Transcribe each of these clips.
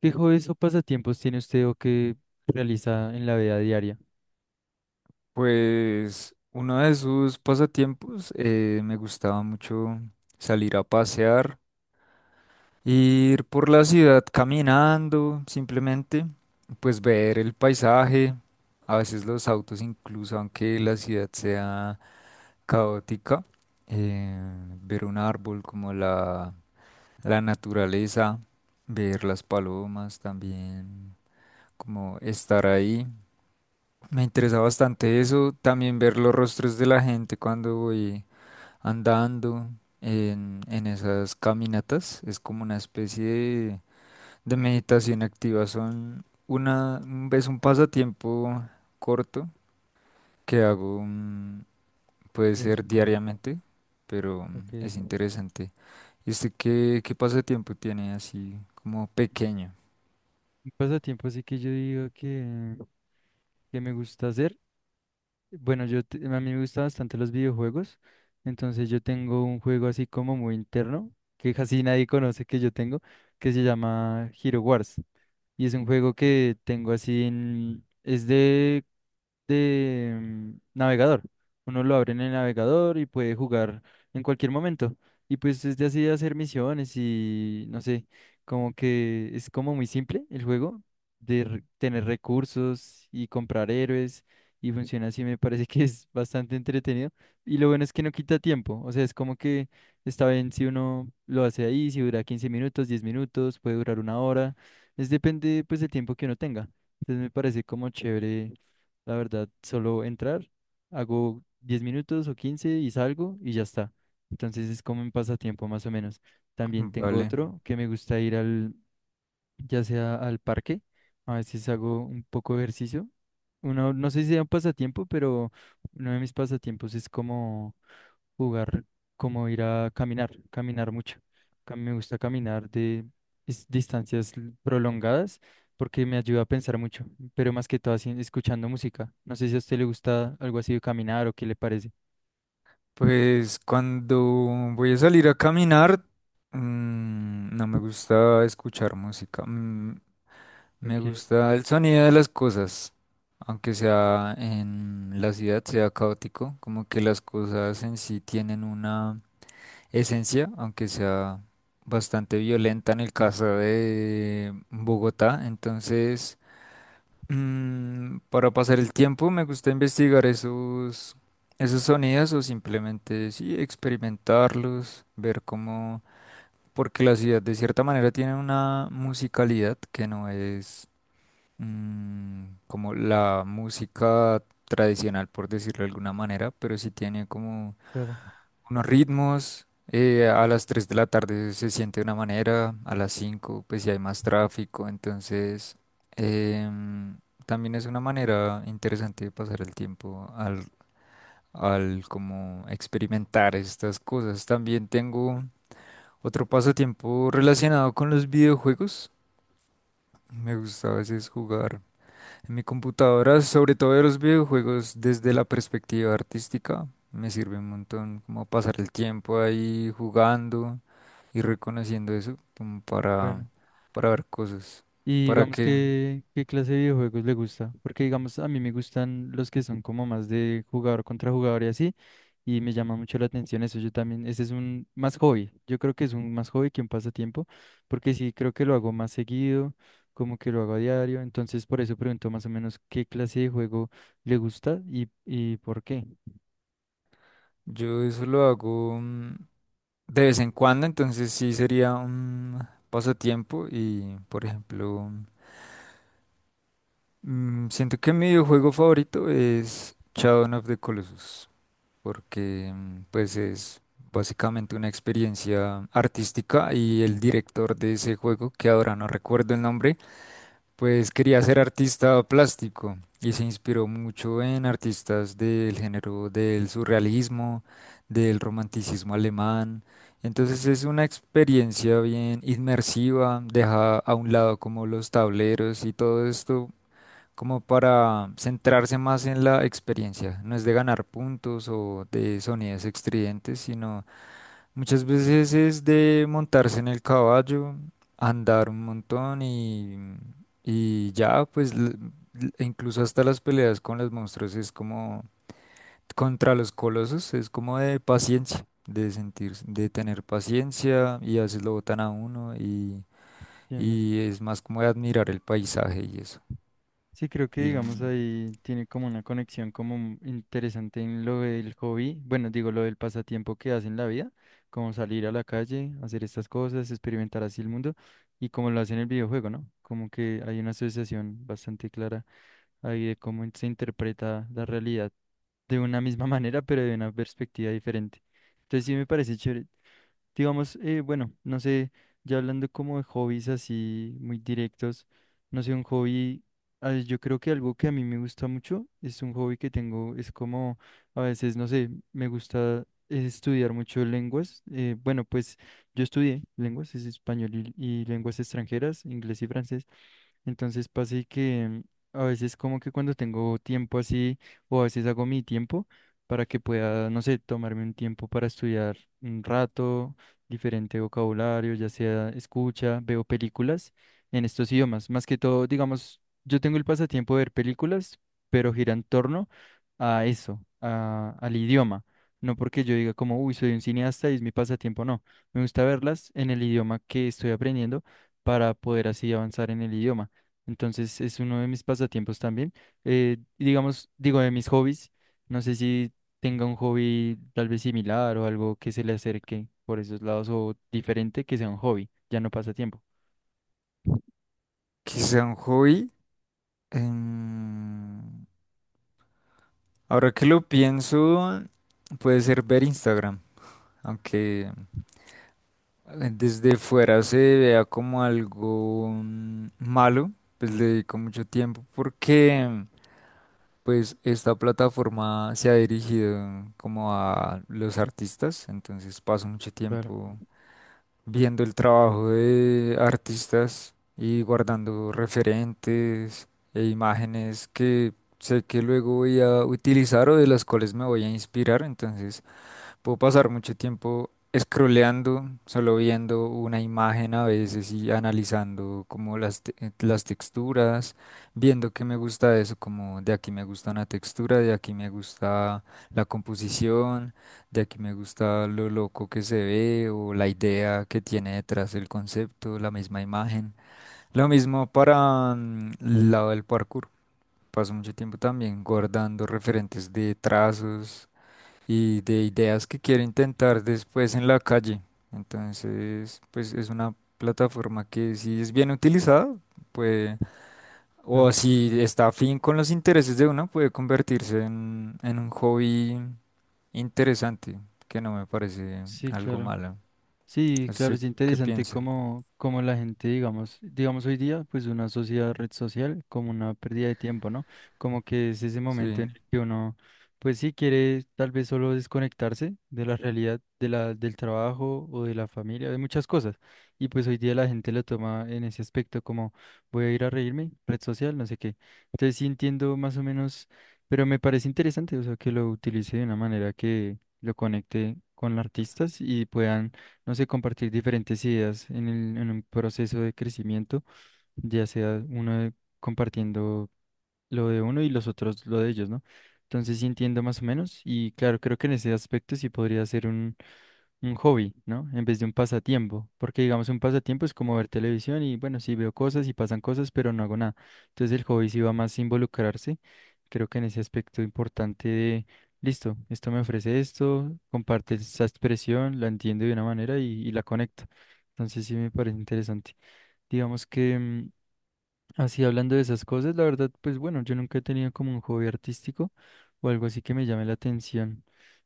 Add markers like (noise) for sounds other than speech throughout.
¿Qué hobbies o pasatiempos tiene usted o que realiza en la vida diaria? Pues uno de sus pasatiempos me gustaba mucho salir a pasear, ir por la ciudad caminando, simplemente, pues ver el paisaje, a veces los autos incluso, aunque la ciudad sea caótica, eh, ver un árbol como la naturaleza, ver las palomas también, como estar ahí. Me interesa bastante eso, también ver los rostros de la gente cuando voy andando en esas caminatas. Es como una especie de meditación activa. Son una, es un pasatiempo corto que hago, puede De vez ser en cuando. diariamente, pero Ok. Es interesante. ¿Y usted qué, qué pasatiempo tiene así como pequeño? Un pasatiempo así que yo digo que me gusta hacer. Bueno, a mí me gustan bastante los videojuegos, entonces yo tengo un juego así como muy interno que casi nadie conoce que yo tengo, que se llama Hero Wars, y es un juego que tengo así en es de navegador. Uno lo abre en el navegador y puede jugar en cualquier momento. Y pues es de así hacer misiones y no sé, como que es como muy simple el juego de tener recursos y comprar héroes y funciona así, me parece que es bastante entretenido. Y lo bueno es que no quita tiempo, o sea, es como que está bien si uno lo hace ahí, si dura 15 minutos, 10 minutos, puede durar una hora, es depende pues del tiempo que uno tenga. Entonces me parece como chévere la verdad, solo entrar, hago 10 minutos o 15 y salgo y ya está. Entonces es como un pasatiempo más o menos. También tengo Vale. otro que me gusta ir al, ya sea al parque, a veces hago un poco de ejercicio. Uno, no sé si sea un pasatiempo, pero uno de mis pasatiempos es como jugar, como ir a caminar, caminar mucho. Me gusta caminar de distancias prolongadas porque me ayuda a pensar mucho, pero más que todo así, escuchando música. No sé si a usted le gusta algo así de caminar o qué le parece. Pues cuando voy a salir a caminar, no me gusta escuchar música. Mm, Me Ok, gusta el sonido de las cosas, aunque sea en la ciudad, sea caótico, como que las cosas en sí tienen una esencia, aunque sea bastante violenta en el caso de Bogotá. Entonces, para pasar el tiempo me gusta investigar esos sonidos o simplemente sí, experimentarlos, ver cómo. Porque la ciudad de cierta manera tiene una musicalidad que no es, como la música tradicional, por decirlo de alguna manera, pero sí tiene como claro, unos ritmos. A las 3 de la tarde se siente de una manera, a las 5 pues si hay más tráfico, entonces em, también es una manera interesante de pasar el tiempo al como experimentar estas cosas. También tengo otro pasatiempo relacionado con los videojuegos. Me gusta a veces jugar en mi computadora, sobre todo de los videojuegos, desde la perspectiva artística. Me sirve un montón como pasar el tiempo ahí jugando y reconociendo eso como para, bueno. para ver cosas. Y ¿Para digamos que que, ¿qué clase de videojuegos le gusta? Porque digamos, a mí me gustan los que son como más de jugador contra jugador y así, y me llama mucho la atención eso. Yo también, ese es un más hobby. Yo creo que es un más hobby que un pasatiempo, porque sí creo que lo hago más seguido, como que lo hago a diario. Entonces, por eso pregunto más o menos qué clase de juego le gusta y por qué. Yo eso lo hago, de vez en cuando, entonces sí sería un pasatiempo y, por ejemplo, siento que mi videojuego favorito es Shadow of the Colossus. Porque pues es básicamente una experiencia artística y el director de ese juego, que ahora no recuerdo el nombre, pues quería ser artista plástico y se inspiró mucho en artistas del género del surrealismo, del romanticismo alemán. Entonces es una experiencia bien inmersiva, deja a un lado como los tableros y todo esto como para centrarse más en la experiencia. No es de ganar puntos o de sonidos estridentes, sino muchas veces es de montarse en el caballo, andar un montón y ya, pues e incluso hasta las peleas con los monstruos es como contra los colosos, es como de paciencia, de sentir, de tener paciencia, y a veces lo botan a uno, y, Entiendo. y es más como de admirar el paisaje y eso. Sí, creo que Y digamos ahí tiene como una conexión como interesante en lo del hobby, bueno, digo lo del pasatiempo que hace en la vida, como salir a la calle, hacer estas cosas, experimentar así el mundo y como lo hace en el videojuego, ¿no? Como que hay una asociación bastante clara ahí de cómo se interpreta la realidad de una misma (laughs) manera, pero de una perspectiva diferente. Entonces sí me parece chévere. Digamos, bueno, no sé, ya hablando como de hobbies así muy directos, no sé, un hobby, ah, yo creo que algo que a mí me gusta mucho es un hobby que tengo, es como a veces, no sé, me gusta estudiar mucho lenguas. Bueno, pues yo estudié lenguas, es español y lenguas extranjeras, inglés y francés. Entonces pasa y que a veces como que cuando tengo tiempo así, o a veces hago mi tiempo para que pueda, no sé, tomarme un tiempo para estudiar un rato, diferente vocabulario, ya sea escucha, veo películas en estos idiomas. Más que todo, digamos, yo tengo el pasatiempo de ver películas, pero gira en torno a eso, al idioma. No porque yo diga como, uy, soy un cineasta y es mi pasatiempo, no. Me gusta verlas en el idioma que estoy aprendiendo para poder así avanzar en el idioma. Entonces es uno de mis pasatiempos también. Digamos, digo, de mis hobbies. No sé si tenga un hobby tal vez similar o algo que se le acerque por esos lados o diferente que sea un hobby, ya no pasatiempo. quizá un hobby, Em, ahora que lo pienso, puede ser ver Instagram, aunque desde fuera se vea como algo malo, pues le dedico mucho tiempo porque pues esta plataforma se ha dirigido como a los artistas, entonces paso mucho Claro, tiempo viendo el trabajo de artistas y guardando referentes e imágenes que sé que luego voy a utilizar o de las cuales me voy a inspirar. Entonces puedo pasar mucho tiempo scrolleando, solo viendo una imagen a veces y analizando como las texturas, viendo qué me gusta de eso, como de aquí me gusta una textura, de aquí me gusta la composición, de aquí me gusta lo loco que se ve o la idea que tiene detrás el concepto, la misma imagen. Lo mismo para, el lado del parkour. Paso mucho tiempo también guardando referentes de trazos y de ideas que quiero intentar después en la calle. Entonces, pues es una plataforma que si es bien utilizada, puede, o claro. si está afín con los intereses de uno, puede convertirse en un hobby interesante, que no me parece Sí, algo claro. malo. Sí, claro, ¿Usted es qué interesante piensa? cómo la gente, digamos hoy día, pues una sociedad red social como una pérdida de tiempo, ¿no? Como que es ese momento Sí, en el que uno, pues sí quiere tal vez solo desconectarse de la realidad, del trabajo o de la familia, de muchas cosas. Y pues hoy día la gente lo toma en ese aspecto como voy a ir a reírme, red social, no sé qué. Entonces sí entiendo más o menos, pero me parece interesante, o sea, que lo utilice de una manera que lo conecte con los artistas y puedan no sé, compartir diferentes ideas en un proceso de crecimiento, ya sea compartiendo lo de uno y los otros lo de ellos, ¿no? Entonces sí entiendo más o menos y claro, creo que en ese aspecto sí podría ser un hobby, ¿no? En vez de un pasatiempo, porque digamos un pasatiempo es como ver televisión y bueno, sí veo cosas y pasan cosas, pero no hago nada. Entonces el hobby sí va más a involucrarse. Creo que en ese aspecto importante de, listo, esto me ofrece esto, comparte esa expresión, la entiendo de una manera y la conecto. Entonces sí me parece interesante. Digamos que así hablando de esas cosas, la verdad, pues bueno, yo nunca he tenido como un hobby artístico o algo así que me llame la atención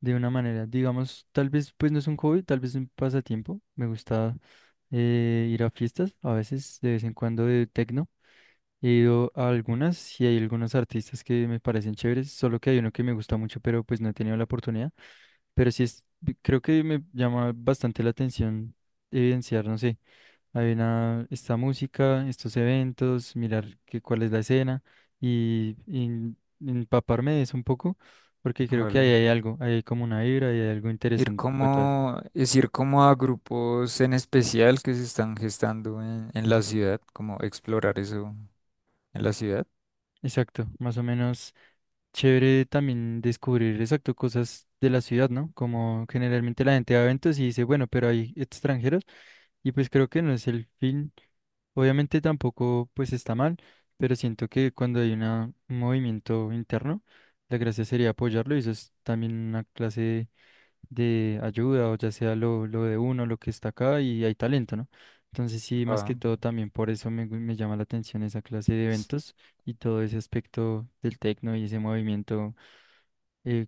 de una manera. Digamos, tal vez pues no es un hobby, tal vez un pasatiempo. Me gusta ir a fiestas, a veces de vez en cuando de techno. He ido a algunas y hay algunos artistas que me parecen chéveres, solo que hay uno que me gusta mucho, pero pues no he tenido la oportunidad. Pero sí es, creo que me llama bastante la atención evidenciar, no sé. Hay una, esta música, estos eventos, mirar qué cuál es la escena y empaparme de eso un poco, porque creo que ahí vale. hay algo, ahí hay como una vibra y hay algo Ir interesante. como, es ir como a grupos en especial que se están gestando en la ciudad, como explorar eso en la ciudad. Exacto, más o menos chévere también descubrir exacto cosas de la ciudad, ¿no? Como generalmente la gente va a eventos y dice, bueno, pero hay extranjeros y pues creo que no es el fin. Obviamente tampoco pues está mal, pero siento que cuando hay un movimiento interno, la gracia sería apoyarlo y eso es también una clase de ayuda o ya sea lo de uno, lo que está acá y hay talento, ¿no? Entonces sí, más que Ah, todo también por eso me llama la atención esa clase de sí. eventos y todo ese aspecto del tecno y ese movimiento eh,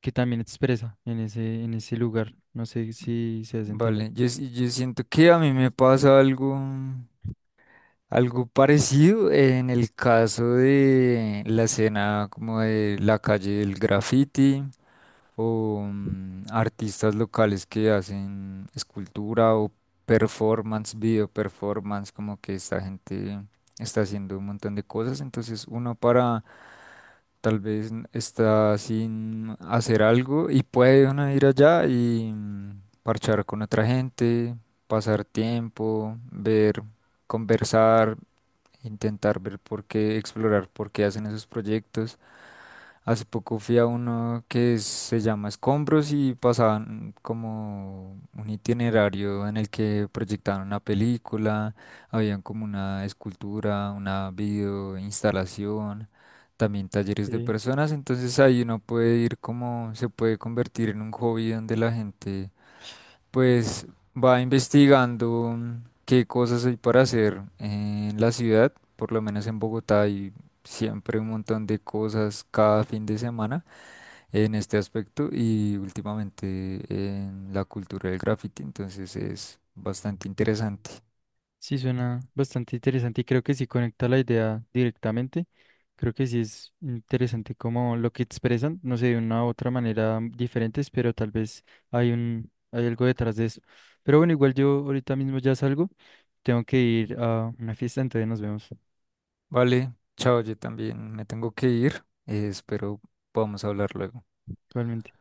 que también expresa en ese lugar. No sé si se hace entender. Vale, yo, sí, yo siento que a mí me pasa algo, algo parecido en el caso de la escena como de la calle del graffiti o artistas locales que hacen escultura o performance, video performance, como que esta gente está haciendo un montón de cosas, entonces uno para, tal vez está sin hacer algo y puede uno ir allá y, parchar con otra gente, pasar tiempo, ver, conversar, intentar ver por qué, explorar por qué hacen esos proyectos. Hace poco fui a uno que se llama Escombros y pasaban como un itinerario en el que proyectaban una película, habían como una escultura, una video instalación, también talleres de Sí. personas, entonces ahí uno puede ir como, se puede convertir en un hobby donde la gente pues va investigando, qué cosas hay para hacer en la ciudad, por lo menos en Bogotá hay siempre un montón de cosas cada fin de semana en este aspecto y últimamente en la cultura del graffiti, entonces es bastante interesante. Sí, suena bastante interesante y creo que sí conecta la idea directamente. Creo que sí es interesante como lo que expresan, no sé, de una u otra manera diferentes, pero tal vez hay un, hay algo detrás de eso. Pero bueno, igual yo ahorita mismo ya salgo, tengo que ir a una fiesta, entonces nos vemos Vale, chao, yo también me tengo que ir, espero podamos hablar luego. igualmente.